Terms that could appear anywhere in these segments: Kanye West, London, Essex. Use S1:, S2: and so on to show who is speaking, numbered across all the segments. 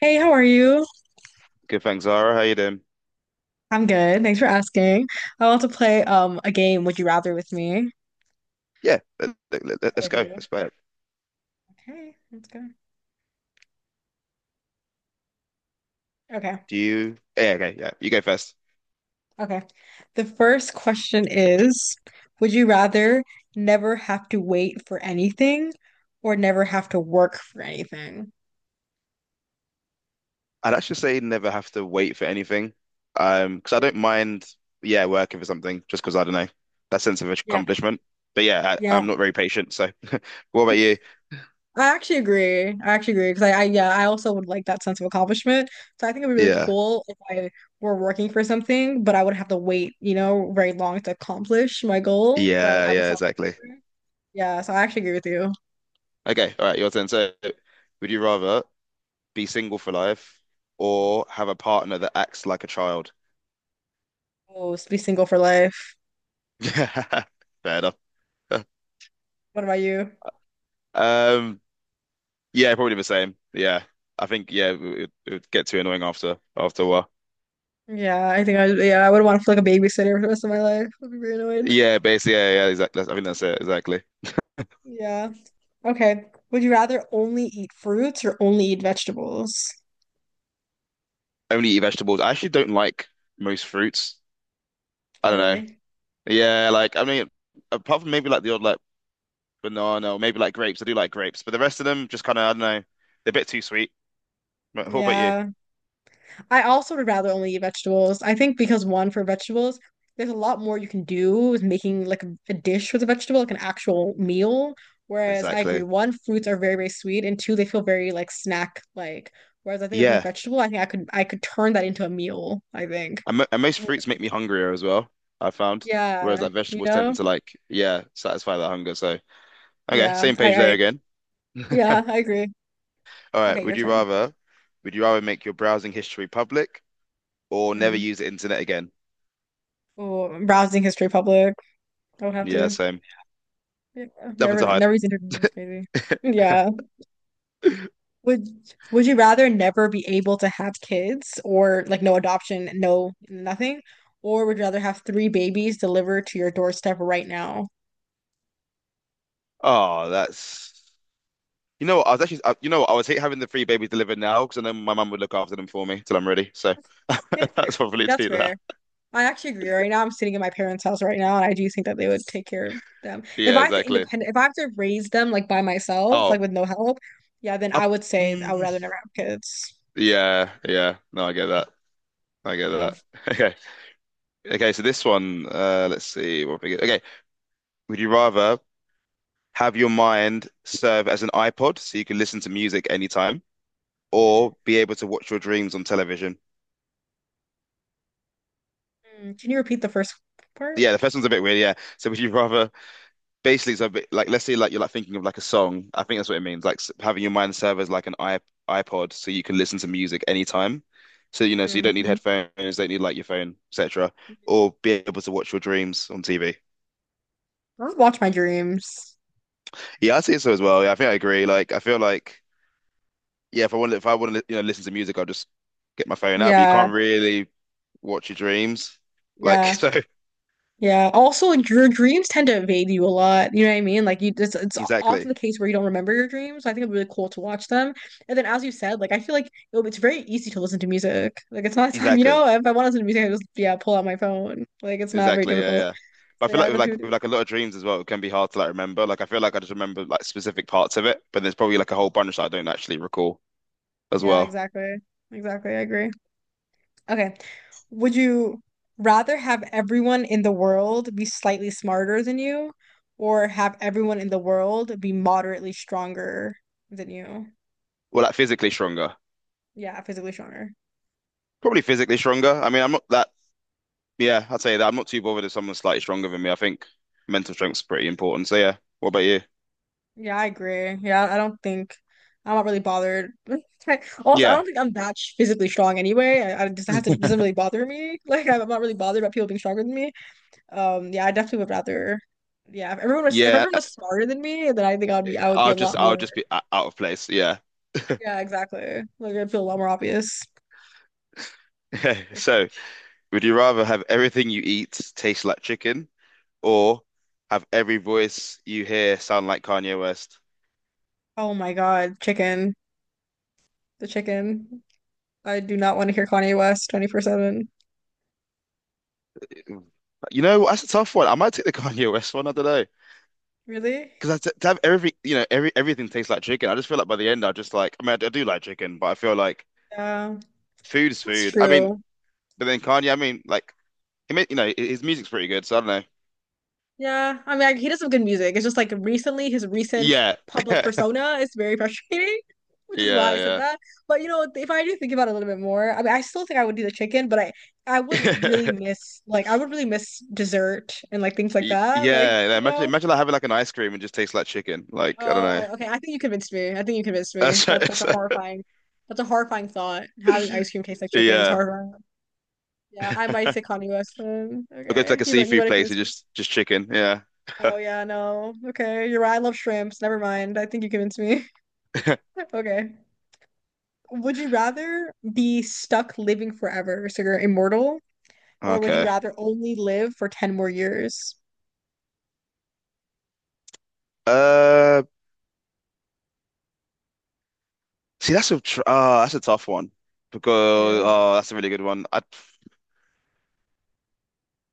S1: Hey, how are you?
S2: Good, thanks, Zara. How you doing?
S1: I'm good. Thanks for asking. I want to play a game, Would You Rather with me?
S2: Yeah, let, us
S1: With
S2: go.
S1: you.
S2: Let's play it.
S1: Okay, let's go. Okay,
S2: Do you? Yeah, okay, yeah. You go first.
S1: okay. The first question is, would you rather never have to wait for anything or never have to work for anything?
S2: I'd actually say never have to wait for anything, because I don't mind. Yeah, working for something just because I don't know that sense of
S1: Yeah,
S2: accomplishment. But yeah,
S1: yeah.
S2: I'm not very patient. So, what about you?
S1: I actually agree. I actually agree because I, yeah, I also would like that sense of accomplishment. So I think it would be really
S2: Yeah,
S1: cool if I were working for something, but I would have to wait very long to accomplish my goal. But
S2: yeah,
S1: I would
S2: yeah.
S1: still,
S2: Exactly.
S1: yeah, so I actually agree with you.
S2: Okay, all right. Your turn. So, would you rather be single for life or have a partner that acts like a child?
S1: Oh, be single for life.
S2: Fair enough.
S1: What about you?
S2: Um, Yeah, probably the same. Yeah, I think yeah, it would get too annoying after a while.
S1: Yeah, I think I, yeah, I would want to feel like a babysitter for the rest of my life. I'd be very annoyed.
S2: Yeah, basically, yeah, yeah, exactly. I think that's it exactly.
S1: Yeah. Okay. Would you rather only eat fruits or only eat vegetables?
S2: Only eat vegetables. I actually don't like most fruits. I
S1: Oh,
S2: don't know.
S1: really?
S2: Yeah, like I mean, apart from maybe like the odd like banana or maybe like grapes. I do like grapes, but the rest of them just kind of I don't know. They're a bit too sweet. But what about you?
S1: Yeah. I also would rather only eat vegetables. I think because one, for vegetables, there's a lot more you can do with making like a dish with a vegetable, like an actual meal. Whereas I agree,
S2: Exactly.
S1: one, fruits are very, very sweet, and two, they feel very like snack like. Whereas I think with a
S2: Yeah,
S1: vegetable, I think I could turn that into a meal, I think.
S2: and most fruits make me hungrier as well. I found, whereas
S1: Yeah,
S2: like
S1: you
S2: vegetables tend
S1: know?
S2: to like yeah satisfy that hunger. So okay,
S1: Yeah,
S2: same
S1: I,
S2: page there
S1: I
S2: again.
S1: yeah, I agree.
S2: All right,
S1: Okay, your turn.
S2: would you rather make your browsing history public or never
S1: Hmm.
S2: use the internet again?
S1: Oh, I'm browsing History Public. I would have
S2: Yeah,
S1: to.
S2: same.
S1: Yeah,
S2: Nothing
S1: never,
S2: to hide.
S1: never used internet. That's crazy. Yeah. Would would you rather never be able to have kids or like no adoption, no nothing, or would you rather have three babies delivered to your doorstep right now?
S2: Oh, that's you know what, I was hate having the three babies delivered now because I know my mum would look after them for me till I'm ready. So
S1: Eh,
S2: that's probably
S1: that's
S2: do that.
S1: fair. I actually agree. Right now, I'm sitting in my parents' house right now, and I do think that they would take care of them. If
S2: Yeah,
S1: I have to
S2: exactly.
S1: independent, if I have to raise them like by myself,
S2: Oh,
S1: like with no help, yeah, then
S2: I,
S1: I would say I would
S2: mm,
S1: rather never have kids.
S2: yeah, yeah. No, I get that. I get
S1: Yeah.
S2: that. Okay, okay. So this one, let's see. What we get. Okay, would you rather have your mind serve as an iPod so you can listen to music anytime,
S1: Mhm.
S2: or be able to watch your dreams on television?
S1: Can you repeat the first part?
S2: Yeah, the first one's a bit weird. Yeah. So would you rather basically it's a bit like let's say like you're like thinking of like a song. I think that's what it means. Like having your mind serve as like an I iPod so you can listen to music anytime. So you know, so you don't need
S1: Mm-hmm.
S2: headphones, don't need like your phone, etc. Or be able to watch your dreams on TV.
S1: Don't watch my dreams.
S2: Yeah, I'd say so as well. Yeah, I think I agree. Like I feel like yeah, if I want to, you know, listen to music, I'll just get my phone out. But you
S1: Yeah,
S2: can't really watch your dreams, like
S1: yeah.
S2: so.
S1: Yeah. Also, like your dreams tend to evade you a lot. You know what I mean? Like you, it's often
S2: Exactly,
S1: the case where you don't remember your dreams. So I think it'd be really cool to watch them. And then, as you said, like I feel like it's very easy to listen to music. Like it's not time, you
S2: exactly,
S1: know. If I want to listen to music, I just yeah pull out my phone. Like it's not very
S2: exactly. Yeah,
S1: difficult.
S2: yeah. But I
S1: So
S2: feel
S1: yeah,
S2: like
S1: I
S2: with
S1: definitely.
S2: like with like a lot of dreams as well, it can be hard to like remember. Like I feel like I just remember like specific parts of it, but there's probably like a whole bunch that I don't actually recall as
S1: Yeah,
S2: well.
S1: exactly. Exactly. I agree. Okay. Would you rather have everyone in the world be slightly smarter than you, or have everyone in the world be moderately stronger than you?
S2: Well, like physically stronger,
S1: Yeah, physically stronger.
S2: probably physically stronger. I mean, I'm not that. Yeah, I'd say that I'm not too bothered if someone's slightly stronger than me. I think mental strength's pretty important. So yeah, what about you?
S1: Yeah, I agree. Yeah, I don't think I'm not really bothered. Also, I don't
S2: Yeah,
S1: think I'm that physically strong anyway. I just hasn't doesn't really bother me. Like I'm not really bothered about people being stronger than me. Yeah, I definitely would rather. Yeah, if everyone was if
S2: yeah.
S1: everyone was smarter than me, then I think I would be a
S2: I'll just
S1: lot more.
S2: be out of place. Yeah.
S1: Yeah, exactly. Like I'd feel a lot more obvious for sure.
S2: So, would you rather have everything you eat taste like chicken or have every voice you hear sound like Kanye West?
S1: Oh my God, chicken, the chicken. I do not want to hear Kanye West 24/7.
S2: You know, that's a tough one. I might take the Kanye West one. I don't know.
S1: Really?
S2: Because to have every, you know, everything tastes like chicken. I just feel like by the end, I just like. I mean, I do like chicken, but I feel like
S1: Yeah,
S2: food is
S1: that's
S2: food. I mean,
S1: true.
S2: but then Kanye. I mean, like, he made, you know, his music's pretty good. So I don't know.
S1: Yeah, I mean, like, he does some good music. It's just like recently, his recent
S2: Yeah,
S1: public
S2: yeah,
S1: persona is very frustrating, which is why I said
S2: yeah,
S1: that. But if I do think about it a little bit more, I mean, I still think I would do the chicken, but I would really miss like I would really miss dessert and like things like that. Like,
S2: Yeah, like,
S1: you know.
S2: Imagine like having like an ice cream and just tastes like chicken. Like, I don't
S1: Oh
S2: know.
S1: my, okay. I think you convinced me. I think you convinced me.
S2: That's right.
S1: That's a
S2: That's
S1: horrifying, that's a horrifying thought. Having
S2: right.
S1: ice cream taste like chicken is
S2: Yeah.
S1: horrifying. Yeah, I might say Kanye West then.
S2: I go to like
S1: Okay,
S2: a
S1: you might
S2: seafood
S1: have
S2: place and
S1: convinced me.
S2: just chicken. Yeah.
S1: Oh yeah, no. Okay, you're right. I love shrimps. Never mind. I think you convinced me. Okay. Would you rather be stuck living forever, so you're immortal, or would you
S2: Okay.
S1: rather only live for 10 more years?
S2: Uh, see, that's a tr oh, that's a tough one
S1: It
S2: because
S1: is.
S2: oh, that's a really good one. I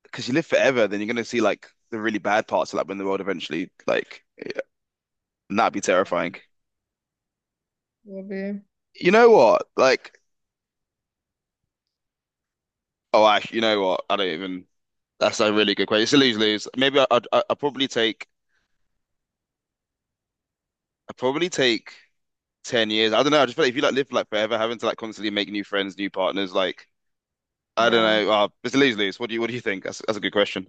S2: because you live forever, then you're gonna see like the really bad parts of like when the world eventually like and that'd be
S1: Yeah, it
S2: terrifying.
S1: will be.
S2: You know what? Like, oh, I you know what? I don't even. That's a really good question. It's a lose lose. Maybe I, I I probably take I probably take 10 years. I don't know. I just feel like if you like live like forever, having to like constantly make new friends, new partners, like I don't
S1: Yeah.
S2: know. It's a lose-lose. What do you think? That's a good question.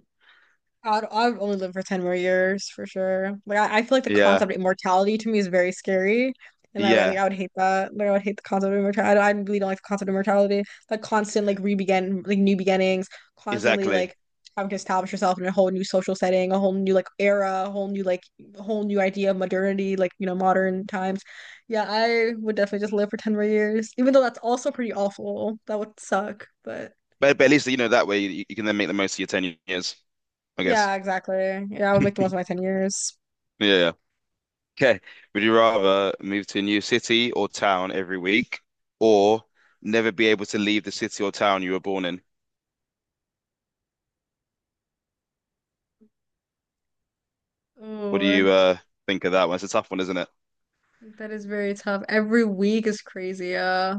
S1: I'd only live for 10 more years for sure. Like I feel like the
S2: Yeah.
S1: concept of immortality to me is very scary. And
S2: Yeah.
S1: I would hate that. Like I would hate the concept of immortality. I really don't like the concept of immortality. Like constant like re-begin like new beginnings, constantly
S2: Exactly.
S1: like having to establish yourself in a whole new social setting, a whole new like era, a whole new idea of modernity, modern times. Yeah, I would definitely just live for 10 more years. Even though that's also pretty awful. That would suck. But
S2: But at least you know that way you can then make the most of your 10 years, I guess.
S1: yeah, exactly. Yeah, I would make the most of my 10 years.
S2: Yeah, yeah. Okay. Would you rather move to a new city or town every week or never be able to leave the city or town you were born in? What do
S1: Oh,
S2: you think of that one? It's a tough one, isn't it?
S1: that is very tough. Every week is crazy.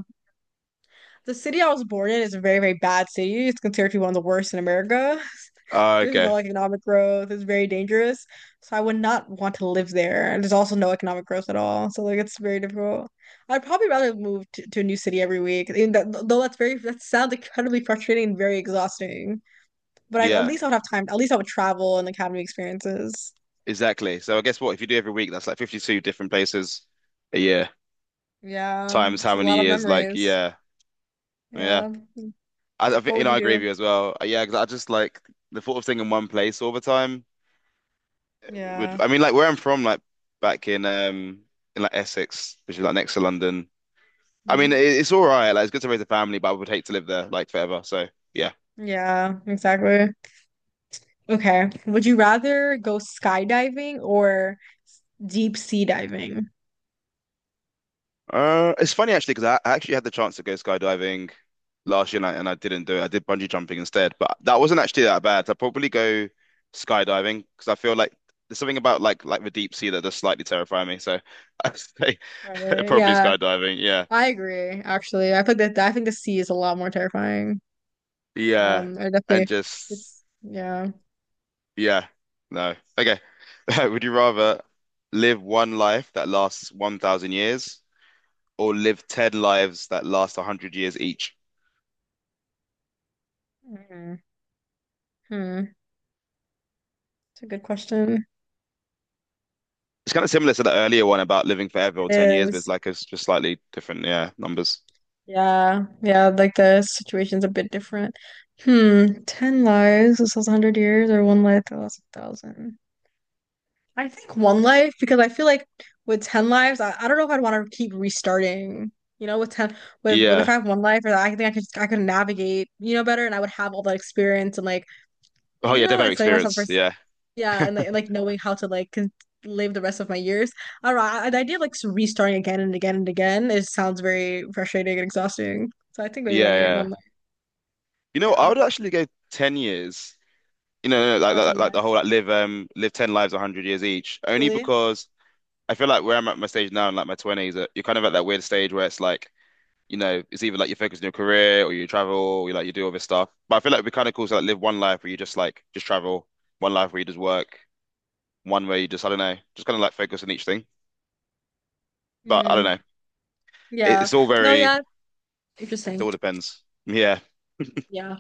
S1: The city I was born in is a very, very bad city. It's considered to be one of the worst in America. There's no
S2: Okay.
S1: economic growth. It's very dangerous. So I would not want to live there. And there's also no economic growth at all. So like it's very difficult. I'd probably rather move to a new city every week. Even that, though that sounds incredibly frustrating and very exhausting. But at
S2: Yeah.
S1: least I would have time. At least I would travel and like have new experiences.
S2: Exactly. So I guess what if you do every week, that's like 52 different places a year
S1: Yeah,
S2: times
S1: it's
S2: how
S1: a
S2: many
S1: lot of
S2: years? Like,
S1: memories.
S2: yeah, yeah.
S1: Yeah.
S2: I think,
S1: What
S2: you
S1: would
S2: know,
S1: you
S2: I agree with
S1: do?
S2: you as well. Yeah, because I just like the thought of staying in one place all the time
S1: Yeah.
S2: would, I mean, like where I'm from, like back in like Essex, which is like next to London. I mean,
S1: Hmm.
S2: it's all right. Like, it's good to raise a family, but I would hate to live there like forever. So, yeah.
S1: Yeah, exactly. Okay. Would you rather go skydiving or deep sea diving?
S2: It's funny actually because I actually had the chance to go skydiving last year and I didn't do it. I did bungee jumping instead, but that wasn't actually that bad. I'd probably go skydiving because I feel like there's something about like the deep sea that does slightly terrify me. So I'd say
S1: Not really?
S2: probably
S1: Yeah,
S2: skydiving. Yeah,
S1: I agree, actually. I think the sea is a lot more terrifying.
S2: yeah,
S1: I
S2: and
S1: definitely,
S2: just
S1: it's, yeah.
S2: yeah, no. Okay, would you rather live one life that lasts 1,000 years or live ten lives that last 100 years each?
S1: Mhm. Hmm. It's a good question.
S2: It's kind of similar to the earlier one about living forever
S1: It
S2: or 10 years, but it's
S1: is.
S2: like it's just slightly different, yeah, numbers.
S1: Yeah. Yeah, like the situation's a bit different. Hmm. 10 lives, this was 100 years, or one life that lasts 1,000. I think one life because I feel like with 10 lives, I don't know if I'd want to keep restarting. You know, with 10 with but if
S2: Yeah.
S1: I have one life or that, I think I could navigate, better and I would have all that experience and like,
S2: Oh
S1: you
S2: yeah,
S1: know, and
S2: definitely
S1: setting myself
S2: experience. Yeah.
S1: yeah, and, like knowing how to like con live the rest of my years. I don't know. The idea of like restarting again and again and again, it sounds very frustrating and exhausting. So I think maybe one
S2: Yeah,
S1: year,
S2: yeah.
S1: one life.
S2: You know, I
S1: Yeah.
S2: would actually go 10 years. You know, like
S1: About
S2: like, like
S1: 10
S2: like the whole
S1: lives.
S2: like live 10 lives 100 years each. Only
S1: Really?
S2: because I feel like where I'm at my stage now in like my 20s, you're kind of at that weird stage where it's like, you know, it's either like you focus on your career or you travel or you like you do all this stuff. But I feel like it'd be kind of cool to like live one life where you just just travel, one life where you just work, one where you just I don't know, just kind of like focus on each thing. But I don't
S1: Hmm.
S2: know.
S1: Yeah.
S2: It's all
S1: No,
S2: very, it
S1: yeah. Interesting.
S2: all depends. Yeah.
S1: Yeah.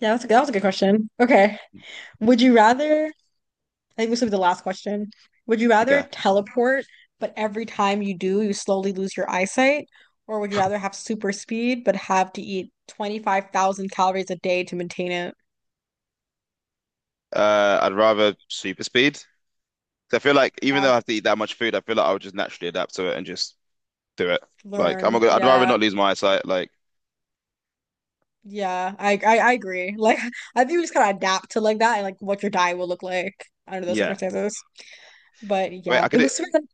S1: Yeah, that was a good question. Okay. Would you rather, I think this will be the last question. Would you rather
S2: Okay.
S1: teleport, but every time you do, you slowly lose your eyesight? Or would you rather have super speed, but have to eat 25,000 calories a day to maintain it?
S2: I'd rather super speed. 'Cause I feel like even
S1: Yeah,
S2: though I have to eat that much food, I feel like I would just naturally adapt to it and just do it. Like I'm not
S1: learn.
S2: gonna, I'd rather
S1: Yeah.
S2: not lose my eyesight. Like
S1: Yeah. I agree. Like, I think we just kind of adapt to like that and like what your diet will look like under those
S2: yeah.
S1: circumstances. But
S2: Wait,
S1: yeah,
S2: I
S1: it
S2: could do,
S1: was super fun.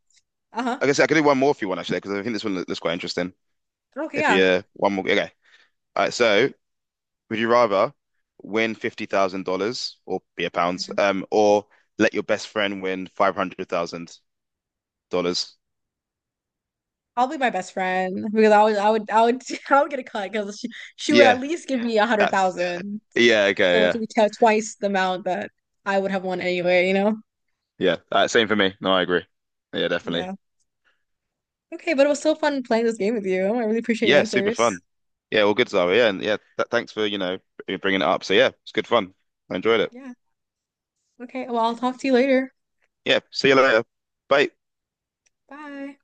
S1: Uh-huh.
S2: I guess I could do one more if you want actually, because I think this one looks quite interesting.
S1: Okay,
S2: If
S1: yeah.
S2: you one more, okay. All right. So would you rather win $50,000 or be a pounds,
S1: Mhm.
S2: or let your best friend win $500,000?
S1: Probably my best friend because I would I would get a cut because she would at
S2: Yeah.
S1: least give, yeah, me a hundred
S2: That's
S1: thousand.
S2: yeah. Okay.
S1: So it would
S2: Yeah.
S1: be t twice the amount that I would have won anyway, you know?
S2: Yeah, same for me. No, I agree. Yeah, definitely.
S1: Yeah. Okay, but it was so fun playing this game with you. I really appreciate your
S2: Yeah, super
S1: answers.
S2: fun. Yeah, all good, Zara. Yeah, and yeah, th thanks for, you know, bringing it up. So yeah, it's good fun. I enjoyed it.
S1: Yeah. Okay. Well, I'll talk to you later.
S2: Yeah, see you later. Bye.
S1: Bye.